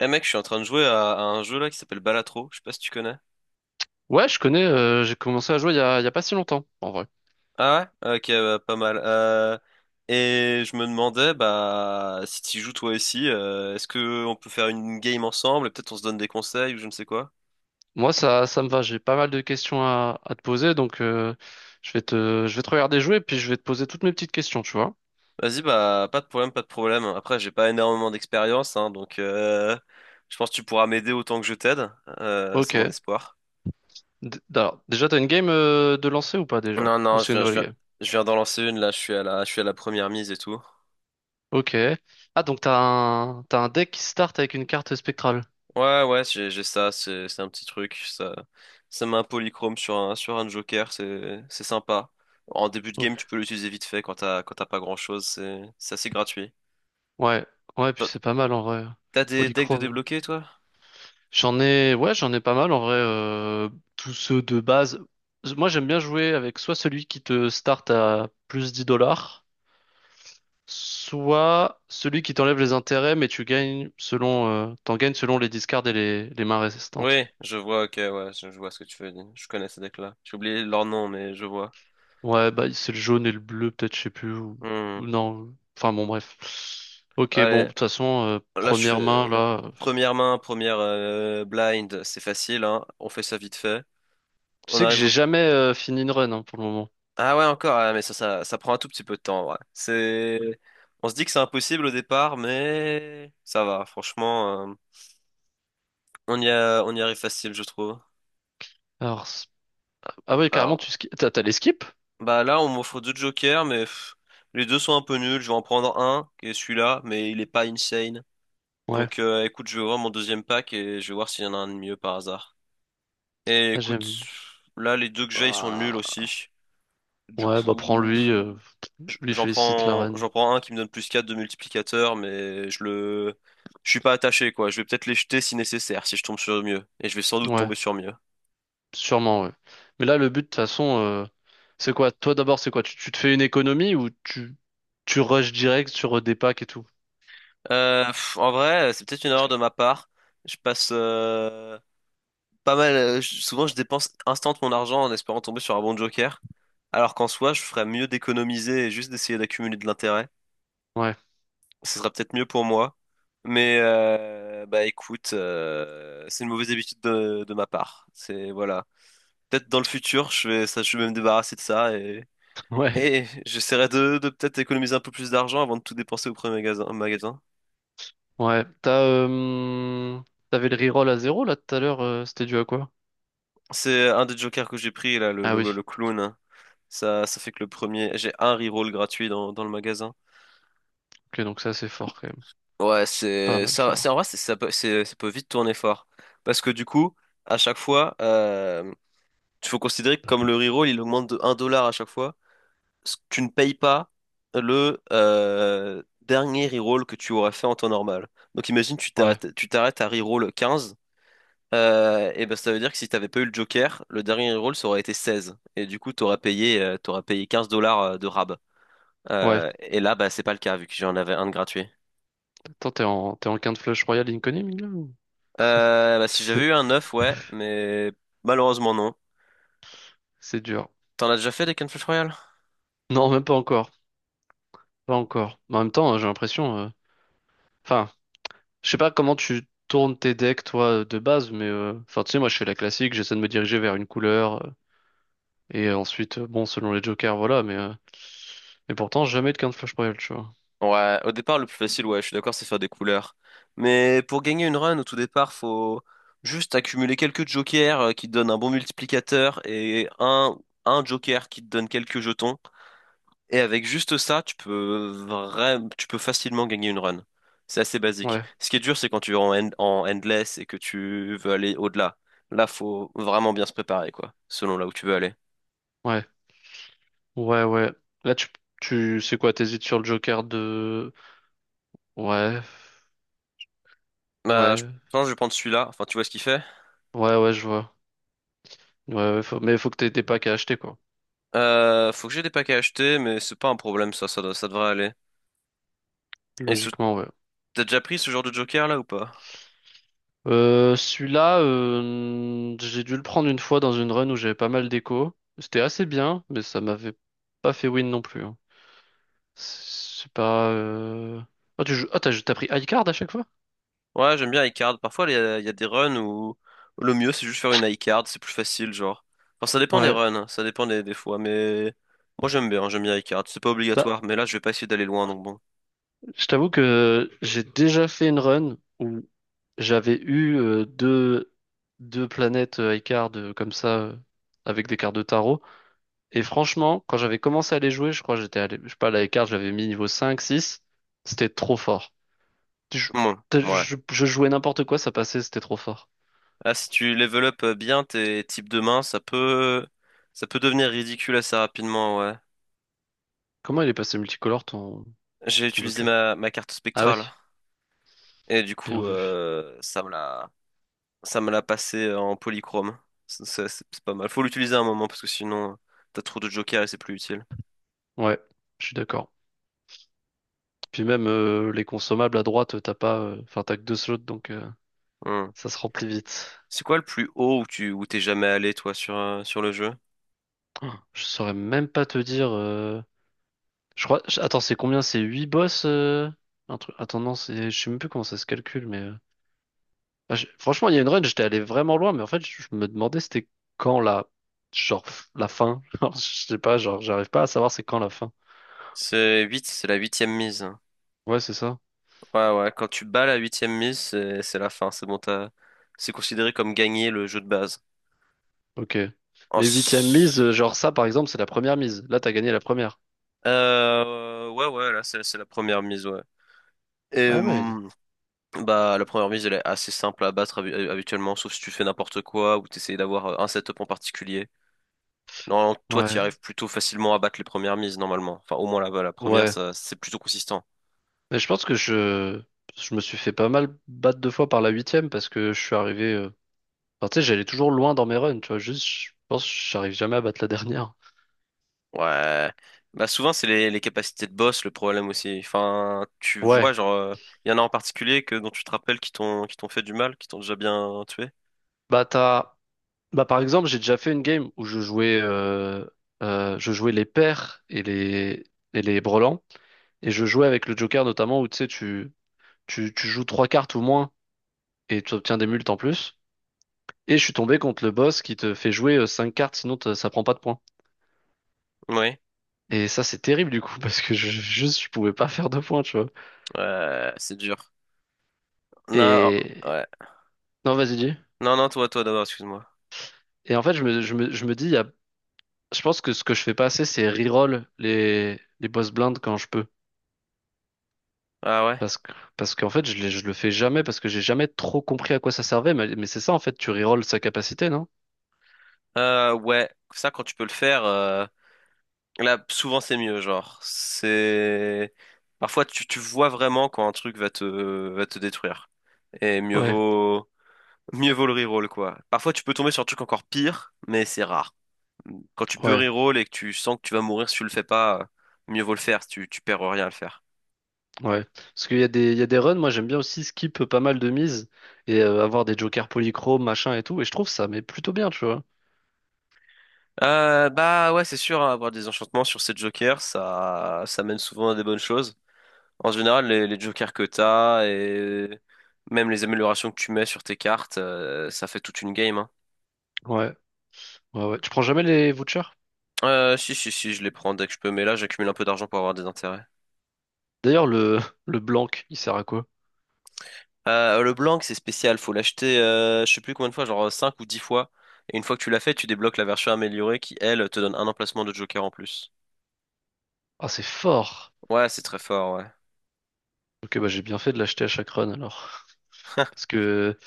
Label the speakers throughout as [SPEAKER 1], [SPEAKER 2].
[SPEAKER 1] Eh mec, je suis en train de jouer à, un jeu là qui s'appelle Balatro, je sais pas si tu connais.
[SPEAKER 2] Ouais, je connais, j'ai commencé à jouer il y a pas si longtemps, en vrai.
[SPEAKER 1] Ah ouais? Ok, bah, pas mal. Et je me demandais, bah, si tu joues toi aussi, est-ce que on peut faire une game ensemble et peut-être on se donne des conseils ou je ne sais quoi?
[SPEAKER 2] Moi, ça me va, j'ai pas mal de questions à te poser, donc je vais te regarder jouer, puis je vais te poser toutes mes petites questions, tu vois.
[SPEAKER 1] Vas-y, bah, pas de problème, pas de problème. Après, j'ai pas énormément d'expérience, hein, donc je pense que tu pourras m'aider autant que je t'aide. C'est
[SPEAKER 2] Ok.
[SPEAKER 1] mon espoir.
[SPEAKER 2] Alors, déjà, t'as une game de lancer ou pas déjà?
[SPEAKER 1] Non,
[SPEAKER 2] Ou
[SPEAKER 1] non,
[SPEAKER 2] c'est une nouvelle game?
[SPEAKER 1] je viens d'en lancer une là, je suis à la première mise et tout.
[SPEAKER 2] Ok. Ah, donc t'as un deck qui start avec une carte spectrale.
[SPEAKER 1] Ouais, ouais, j'ai ça, c'est un petit truc. Ça met un polychrome sur un joker, c'est sympa. En début de game, tu
[SPEAKER 2] Ok.
[SPEAKER 1] peux l'utiliser vite fait quand t'as pas grand-chose, c'est assez gratuit.
[SPEAKER 2] Ouais, ouais, puis
[SPEAKER 1] T'as
[SPEAKER 2] c'est pas mal en vrai.
[SPEAKER 1] t'as des decks de
[SPEAKER 2] Polychrome.
[SPEAKER 1] débloquer, toi?
[SPEAKER 2] J'en ai, ouais, j'en ai pas mal en vrai. Tous ceux de base. Moi, j'aime bien jouer avec soit celui qui te start à plus 10 dollars, soit celui qui t'enlève les intérêts, mais tu gagnes selon, t'en gagnes selon les discards et les mains
[SPEAKER 1] Oui,
[SPEAKER 2] résistantes.
[SPEAKER 1] je vois, ok, ouais, je vois ce que tu veux dire. Je connais ces decks-là. J'ai oublié leur nom, mais je vois.
[SPEAKER 2] Ouais, bah c'est le jaune et le bleu, peut-être, je sais plus.
[SPEAKER 1] Hmm.
[SPEAKER 2] Ou non. Enfin bon, bref. Ok, bon,
[SPEAKER 1] Allez,
[SPEAKER 2] de toute façon,
[SPEAKER 1] là, je
[SPEAKER 2] première main
[SPEAKER 1] fais
[SPEAKER 2] là.
[SPEAKER 1] première main, première blind, c'est facile, hein. On fait ça vite fait.
[SPEAKER 2] Tu
[SPEAKER 1] On
[SPEAKER 2] sais que
[SPEAKER 1] arrive
[SPEAKER 2] j'ai
[SPEAKER 1] au…
[SPEAKER 2] jamais fini une run, hein, pour le moment.
[SPEAKER 1] Ah ouais, encore, ouais, mais ça prend un tout petit peu de temps, ouais. C'est… On se dit que c'est impossible au départ, mais ça va, franchement, on y arrive facile, je trouve.
[SPEAKER 2] Alors, ah ouais, carrément, tu
[SPEAKER 1] Alors,
[SPEAKER 2] skip. T'as les skips?
[SPEAKER 1] bah là, on m'offre deux jokers, mais pff, les deux sont un peu nuls. Je vais en prendre un, qui est celui-là, mais il est pas insane.
[SPEAKER 2] Ouais.
[SPEAKER 1] Donc, écoute, je vais voir mon deuxième pack et je vais voir s'il y en a un de mieux par hasard. Et
[SPEAKER 2] Ah,
[SPEAKER 1] écoute,
[SPEAKER 2] j'aime.
[SPEAKER 1] là, les deux que j'ai, ils sont nuls
[SPEAKER 2] Bah,
[SPEAKER 1] aussi. Du
[SPEAKER 2] ouais, bah
[SPEAKER 1] coup.
[SPEAKER 2] prends-lui, lui félicite la reine.
[SPEAKER 1] J'en prends un qui me donne plus 4 de multiplicateur, je suis pas attaché, quoi. Je vais peut-être les jeter si nécessaire, si je tombe sur mieux. Et je vais sans doute
[SPEAKER 2] Ouais,
[SPEAKER 1] tomber sur mieux.
[SPEAKER 2] sûrement, ouais. Mais là, le but, de toute façon, c'est quoi? Toi d'abord, c'est quoi? Tu te fais une économie ou tu rushes direct sur des packs et tout?
[SPEAKER 1] Pff, en vrai, c'est peut-être une erreur de ma part. Je passe, pas mal, je- souvent je dépense instant mon argent en espérant tomber sur un bon joker. Alors qu'en soi, je ferais mieux d'économiser et juste d'essayer d'accumuler de l'intérêt.
[SPEAKER 2] Ouais,
[SPEAKER 1] Ce serait peut-être mieux pour moi. Mais, bah écoute, c'est une mauvaise habitude de ma part. C'est, voilà. Peut-être dans le futur, je vais me débarrasser de ça
[SPEAKER 2] ouais,
[SPEAKER 1] et j'essaierai de peut-être économiser un peu plus d'argent avant de tout dépenser au premier magasin.
[SPEAKER 2] ouais. T'as, t'avais le reroll à zéro là tout à l'heure, c'était dû à quoi?
[SPEAKER 1] C'est un des jokers que j'ai pris là,
[SPEAKER 2] Ah oui,
[SPEAKER 1] le clown. Ça fait que le premier, j'ai un reroll gratuit dans le magasin.
[SPEAKER 2] ok, donc c'est assez fort quand même.
[SPEAKER 1] Ouais,
[SPEAKER 2] C'est pas
[SPEAKER 1] c'est
[SPEAKER 2] mal
[SPEAKER 1] ça, c'est en
[SPEAKER 2] fort.
[SPEAKER 1] vrai, c'est- ça peut vite tourner fort parce que du coup, à chaque fois, il faut considérer que comme le reroll, il augmente de 1 dollar à chaque fois. Tu ne payes pas le dernier reroll que tu aurais fait en temps normal. Donc imagine,
[SPEAKER 2] Ouais,
[SPEAKER 1] tu t'arrêtes à reroll 15, et ben ça veut dire que si t'avais pas eu le Joker, le dernier reroll ça aurait été 16. Et du coup, t'aurais payé 15 dollars de rab.
[SPEAKER 2] ouais.
[SPEAKER 1] Et là, bah, c'est pas le cas, vu que j'en avais un de gratuit.
[SPEAKER 2] Attends, t'es en quinte flush royale incoming là ou-
[SPEAKER 1] Bah, si j'avais
[SPEAKER 2] C'est
[SPEAKER 1] eu un 9 ouais, mais malheureusement non.
[SPEAKER 2] c'est dur.
[SPEAKER 1] T'en as déjà fait des Cannes Flash Royale?
[SPEAKER 2] Non, même pas encore. Pas encore. Mais en même temps, j'ai l'impression. Enfin, je sais pas comment tu tournes tes decks, toi, de base, mais enfin, tu sais, moi, je fais la classique, j'essaie de me diriger vers une couleur, et ensuite, bon, selon les jokers, voilà, mais pourtant, jamais de flash royale tu vois.
[SPEAKER 1] Ouais, au départ, le plus facile, ouais, je suis d'accord, c'est faire des couleurs. Mais pour gagner une run, au tout départ, faut juste accumuler quelques jokers qui te donnent un bon multiplicateur et un joker qui te donne quelques jetons. Et avec juste ça, tu peux facilement gagner une run. C'est assez basique.
[SPEAKER 2] Ouais,
[SPEAKER 1] Ce qui est dur, c'est quand tu es en endless et que tu veux aller au-delà. Là, faut vraiment bien se préparer, quoi, selon là où tu veux aller.
[SPEAKER 2] ouais, ouais. Là, tu sais quoi, t'hésites sur le joker de... Ouais,
[SPEAKER 1] Bah, je
[SPEAKER 2] ouais,
[SPEAKER 1] pense que je vais prendre celui-là. Enfin, tu vois ce qu'il fait.
[SPEAKER 2] ouais, je vois. Ouais, ouais, mais faut que t'aies des packs à acheter, quoi.
[SPEAKER 1] Faut que j'ai des paquets à acheter, mais c'est pas un problème, ça devrait aller. Et ce-
[SPEAKER 2] Logiquement, ouais.
[SPEAKER 1] T'as déjà pris ce genre de joker là ou pas?
[SPEAKER 2] Celui-là, j'ai dû le prendre une fois dans une run où j'avais pas mal d'écho. C'était assez bien, mais ça m'avait pas fait win non plus, hein. C'est pas. Ah, tu joues... ah, t'as pris high card à chaque fois?
[SPEAKER 1] Ouais, j'aime bien iCard. Parfois, il y a des runs où le mieux, c'est juste faire une iCard, c'est plus facile, genre. Enfin, ça dépend des
[SPEAKER 2] Ouais.
[SPEAKER 1] runs, hein, ça dépend des fois, mais moi, j'aime bien iCard. C'est pas
[SPEAKER 2] Bah,
[SPEAKER 1] obligatoire, mais là, je vais pas essayer d'aller loin, donc bon.
[SPEAKER 2] je t'avoue que j'ai déjà fait une run où j'avais eu deux planètes high card comme ça, avec des cartes de tarot. Et franchement, quand j'avais commencé à les jouer, je crois que j'étais allé, je sais pas, la high card, j'avais mis niveau 5 six. C'était trop fort. Je,
[SPEAKER 1] Bon, ouais.
[SPEAKER 2] je jouais n'importe quoi, ça passait, c'était trop fort.
[SPEAKER 1] Là, si tu level up bien tes types de mains, ça peut devenir ridicule assez rapidement, ouais.
[SPEAKER 2] Comment il est passé multicolore
[SPEAKER 1] J'ai
[SPEAKER 2] ton
[SPEAKER 1] utilisé
[SPEAKER 2] Joker?
[SPEAKER 1] ma carte
[SPEAKER 2] Ah oui,
[SPEAKER 1] spectrale, et du
[SPEAKER 2] bien
[SPEAKER 1] coup,
[SPEAKER 2] vu.
[SPEAKER 1] ça me l'a passé en polychrome. C'est pas mal. Faut l'utiliser à un moment, parce que sinon, t'as trop de jokers et c'est plus utile.
[SPEAKER 2] Ouais, je suis d'accord. Puis même les consommables à droite, t'as pas, enfin t'as que deux slots, donc
[SPEAKER 1] Hmm.
[SPEAKER 2] ça se remplit vite.
[SPEAKER 1] C'est quoi le plus haut où t'es jamais allé toi sur sur le jeu?
[SPEAKER 2] Oh, je saurais même pas te dire. Je crois. Attends, c'est combien? C'est 8 boss? Un truc. Attends, non, je sais même plus comment ça se calcule, mais. Franchement, il y a une run, j'étais allé vraiment loin, mais en fait, je me demandais c'était quand la. La fin. Genre, je sais pas, genre, j'arrive pas à savoir c'est quand la fin.
[SPEAKER 1] C'est la huitième mise.
[SPEAKER 2] Ouais, c'est ça.
[SPEAKER 1] Ouais ouais, quand tu bats la huitième mise, c'est la fin, c'est bon t'as c'est considéré comme gagner le jeu de base.
[SPEAKER 2] Ok. Mais huitième
[SPEAKER 1] Ensuite…
[SPEAKER 2] mise, genre ça, par exemple, c'est la première mise. Là, t'as gagné la première.
[SPEAKER 1] Ouais ouais, là c'est la première mise ouais. Et
[SPEAKER 2] Ah ouais.
[SPEAKER 1] bah la première mise elle est assez simple à battre habituellement, sauf si tu fais n'importe quoi ou t'essayes d'avoir un setup en particulier. Normalement, toi, tu
[SPEAKER 2] Ouais.
[SPEAKER 1] arrives plutôt facilement à battre les premières mises normalement. Enfin, au moins là-bas, la première,
[SPEAKER 2] Ouais.
[SPEAKER 1] ça c'est plutôt consistant.
[SPEAKER 2] Mais je pense que je me suis fait pas mal battre deux fois par la huitième parce que je suis arrivé. Enfin, tu sais, j'allais toujours loin dans mes runs, tu vois. Juste, je pense que j'arrive jamais à battre la dernière.
[SPEAKER 1] Ouais. Bah souvent c'est les capacités de boss le problème aussi. Enfin, tu
[SPEAKER 2] Ouais.
[SPEAKER 1] vois genre il y en a en particulier que dont tu te rappelles qui t'ont fait du mal, qui t'ont déjà bien tué.
[SPEAKER 2] Bah, t'as... Bah, par exemple, j'ai déjà fait une game où je jouais les paires et et les brelans. Et je jouais avec le Joker, notamment, où tu sais, tu joues trois cartes ou moins. Et tu obtiens des multes en plus. Et je suis tombé contre le boss qui te fait jouer 5 cartes, sinon ça prend pas de points.
[SPEAKER 1] Oui.
[SPEAKER 2] Et ça, c'est terrible du coup, parce que juste, je pouvais pas faire de points, tu vois.
[SPEAKER 1] Ouais, c'est dur. Non, oh,
[SPEAKER 2] Et...
[SPEAKER 1] ouais.
[SPEAKER 2] Non, vas-y, dis.
[SPEAKER 1] Non non, toi d'abord, excuse-moi.
[SPEAKER 2] Et en fait, je me dis, il y a... je pense que ce que je fais pas assez, c'est reroll les boss blindes quand je peux.
[SPEAKER 1] Ah ouais.
[SPEAKER 2] Parce que, parce qu'en fait, je le fais jamais, parce que j'ai jamais trop compris à quoi ça servait. Mais c'est ça, en fait, tu reroll sa capacité, non?
[SPEAKER 1] Ouais, ça quand tu peux le faire, là souvent c'est mieux genre. C'est parfois tu vois vraiment quand un truc va te détruire et
[SPEAKER 2] Ouais,
[SPEAKER 1] mieux vaut le reroll quoi. Parfois tu peux tomber sur un truc encore pire, mais c'est rare. Quand tu peux
[SPEAKER 2] ouais.
[SPEAKER 1] reroll et que tu sens que tu vas mourir si tu le fais pas, mieux vaut le faire, si tu perds rien à le faire.
[SPEAKER 2] Ouais, parce qu'il y a des, il y a des runs, moi j'aime bien aussi skip pas mal de mises et avoir des jokers polychromes, machin et tout, et je trouve ça mais plutôt bien, tu vois.
[SPEAKER 1] Bah ouais, c'est sûr, hein, avoir des enchantements sur ces jokers, ça mène souvent à des bonnes choses. En général, les jokers que t'as et même les améliorations que tu mets sur tes cartes, ça fait toute une game, hein.
[SPEAKER 2] Ouais, ouais. Tu prends jamais les vouchers?
[SPEAKER 1] Si, si, si, je les prends dès que je peux, mais là, j'accumule un peu d'argent pour avoir des intérêts.
[SPEAKER 2] D'ailleurs, le, le blanc, il sert à quoi?
[SPEAKER 1] Le blanc, c'est spécial, faut l'acheter, je sais plus combien de fois, genre 5 ou 10 fois. Et une fois que tu l'as fait, tu débloques la version améliorée qui, elle, te donne un emplacement de joker en plus.
[SPEAKER 2] Ah, c'est fort!
[SPEAKER 1] Ouais, c'est très fort, ouais.
[SPEAKER 2] Ok, bah j'ai bien fait de l'acheter à chaque run alors. Parce que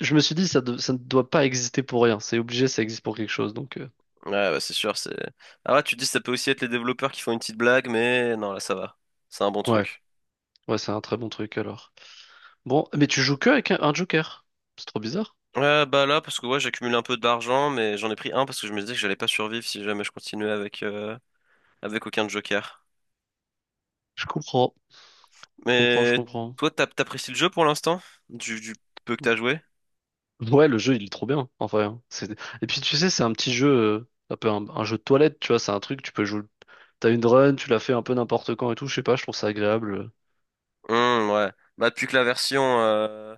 [SPEAKER 2] je me suis dit, ça ne doit pas exister pour rien, c'est obligé, ça existe pour quelque chose, donc
[SPEAKER 1] Ouais, bah, c'est sûr, c'est… Ah ouais, tu te dis, ça peut aussi être les développeurs qui font une petite blague, mais non, là, ça va. C'est un bon
[SPEAKER 2] ouais,
[SPEAKER 1] truc.
[SPEAKER 2] ouais, c'est un très bon truc alors. Bon, mais tu joues que avec un joker? C'est trop bizarre.
[SPEAKER 1] Ouais, bah là, parce que ouais, j'ai accumulé un peu d'argent, mais j'en ai pris un parce que je me disais que j'allais pas survivre si jamais je continuais avec, avec aucun joker.
[SPEAKER 2] Je comprends, je comprends, je
[SPEAKER 1] Mais
[SPEAKER 2] comprends.
[SPEAKER 1] toi, t'apprécies le jeu pour l'instant? Du peu que t'as joué?
[SPEAKER 2] Ouais, le jeu, il est trop bien, en vrai, hein. C'est... Et puis, tu sais, c'est un petit jeu, un jeu de toilette, tu vois, c'est un truc, tu peux jouer. T'as une run, tu la fais un peu n'importe quand et tout, je sais pas, je trouve ça agréable.
[SPEAKER 1] Ouais. Bah,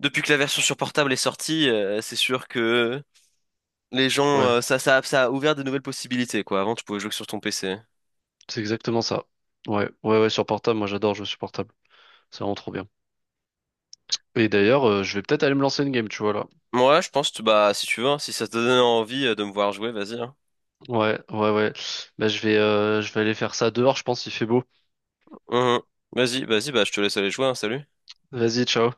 [SPEAKER 1] depuis que la version sur portable est sortie, c'est sûr que les gens,
[SPEAKER 2] Ouais,
[SPEAKER 1] ça a ouvert de nouvelles possibilités, quoi. Avant, tu pouvais jouer que sur ton PC.
[SPEAKER 2] c'est exactement ça. Ouais, sur portable, moi j'adore jouer sur portable. C'est vraiment trop bien. Et d'ailleurs, je vais peut-être aller me lancer une game, tu vois, là.
[SPEAKER 1] Moi, je pense, bah, si tu veux, hein, si ça te donne envie de me voir jouer, vas-y, hein.
[SPEAKER 2] Ouais. Bah, je vais aller faire ça dehors, je pense, il fait beau.
[SPEAKER 1] Mhm. Vas-y, vas-y, bah, je te laisse aller jouer, hein, salut.
[SPEAKER 2] Vas-y, ciao.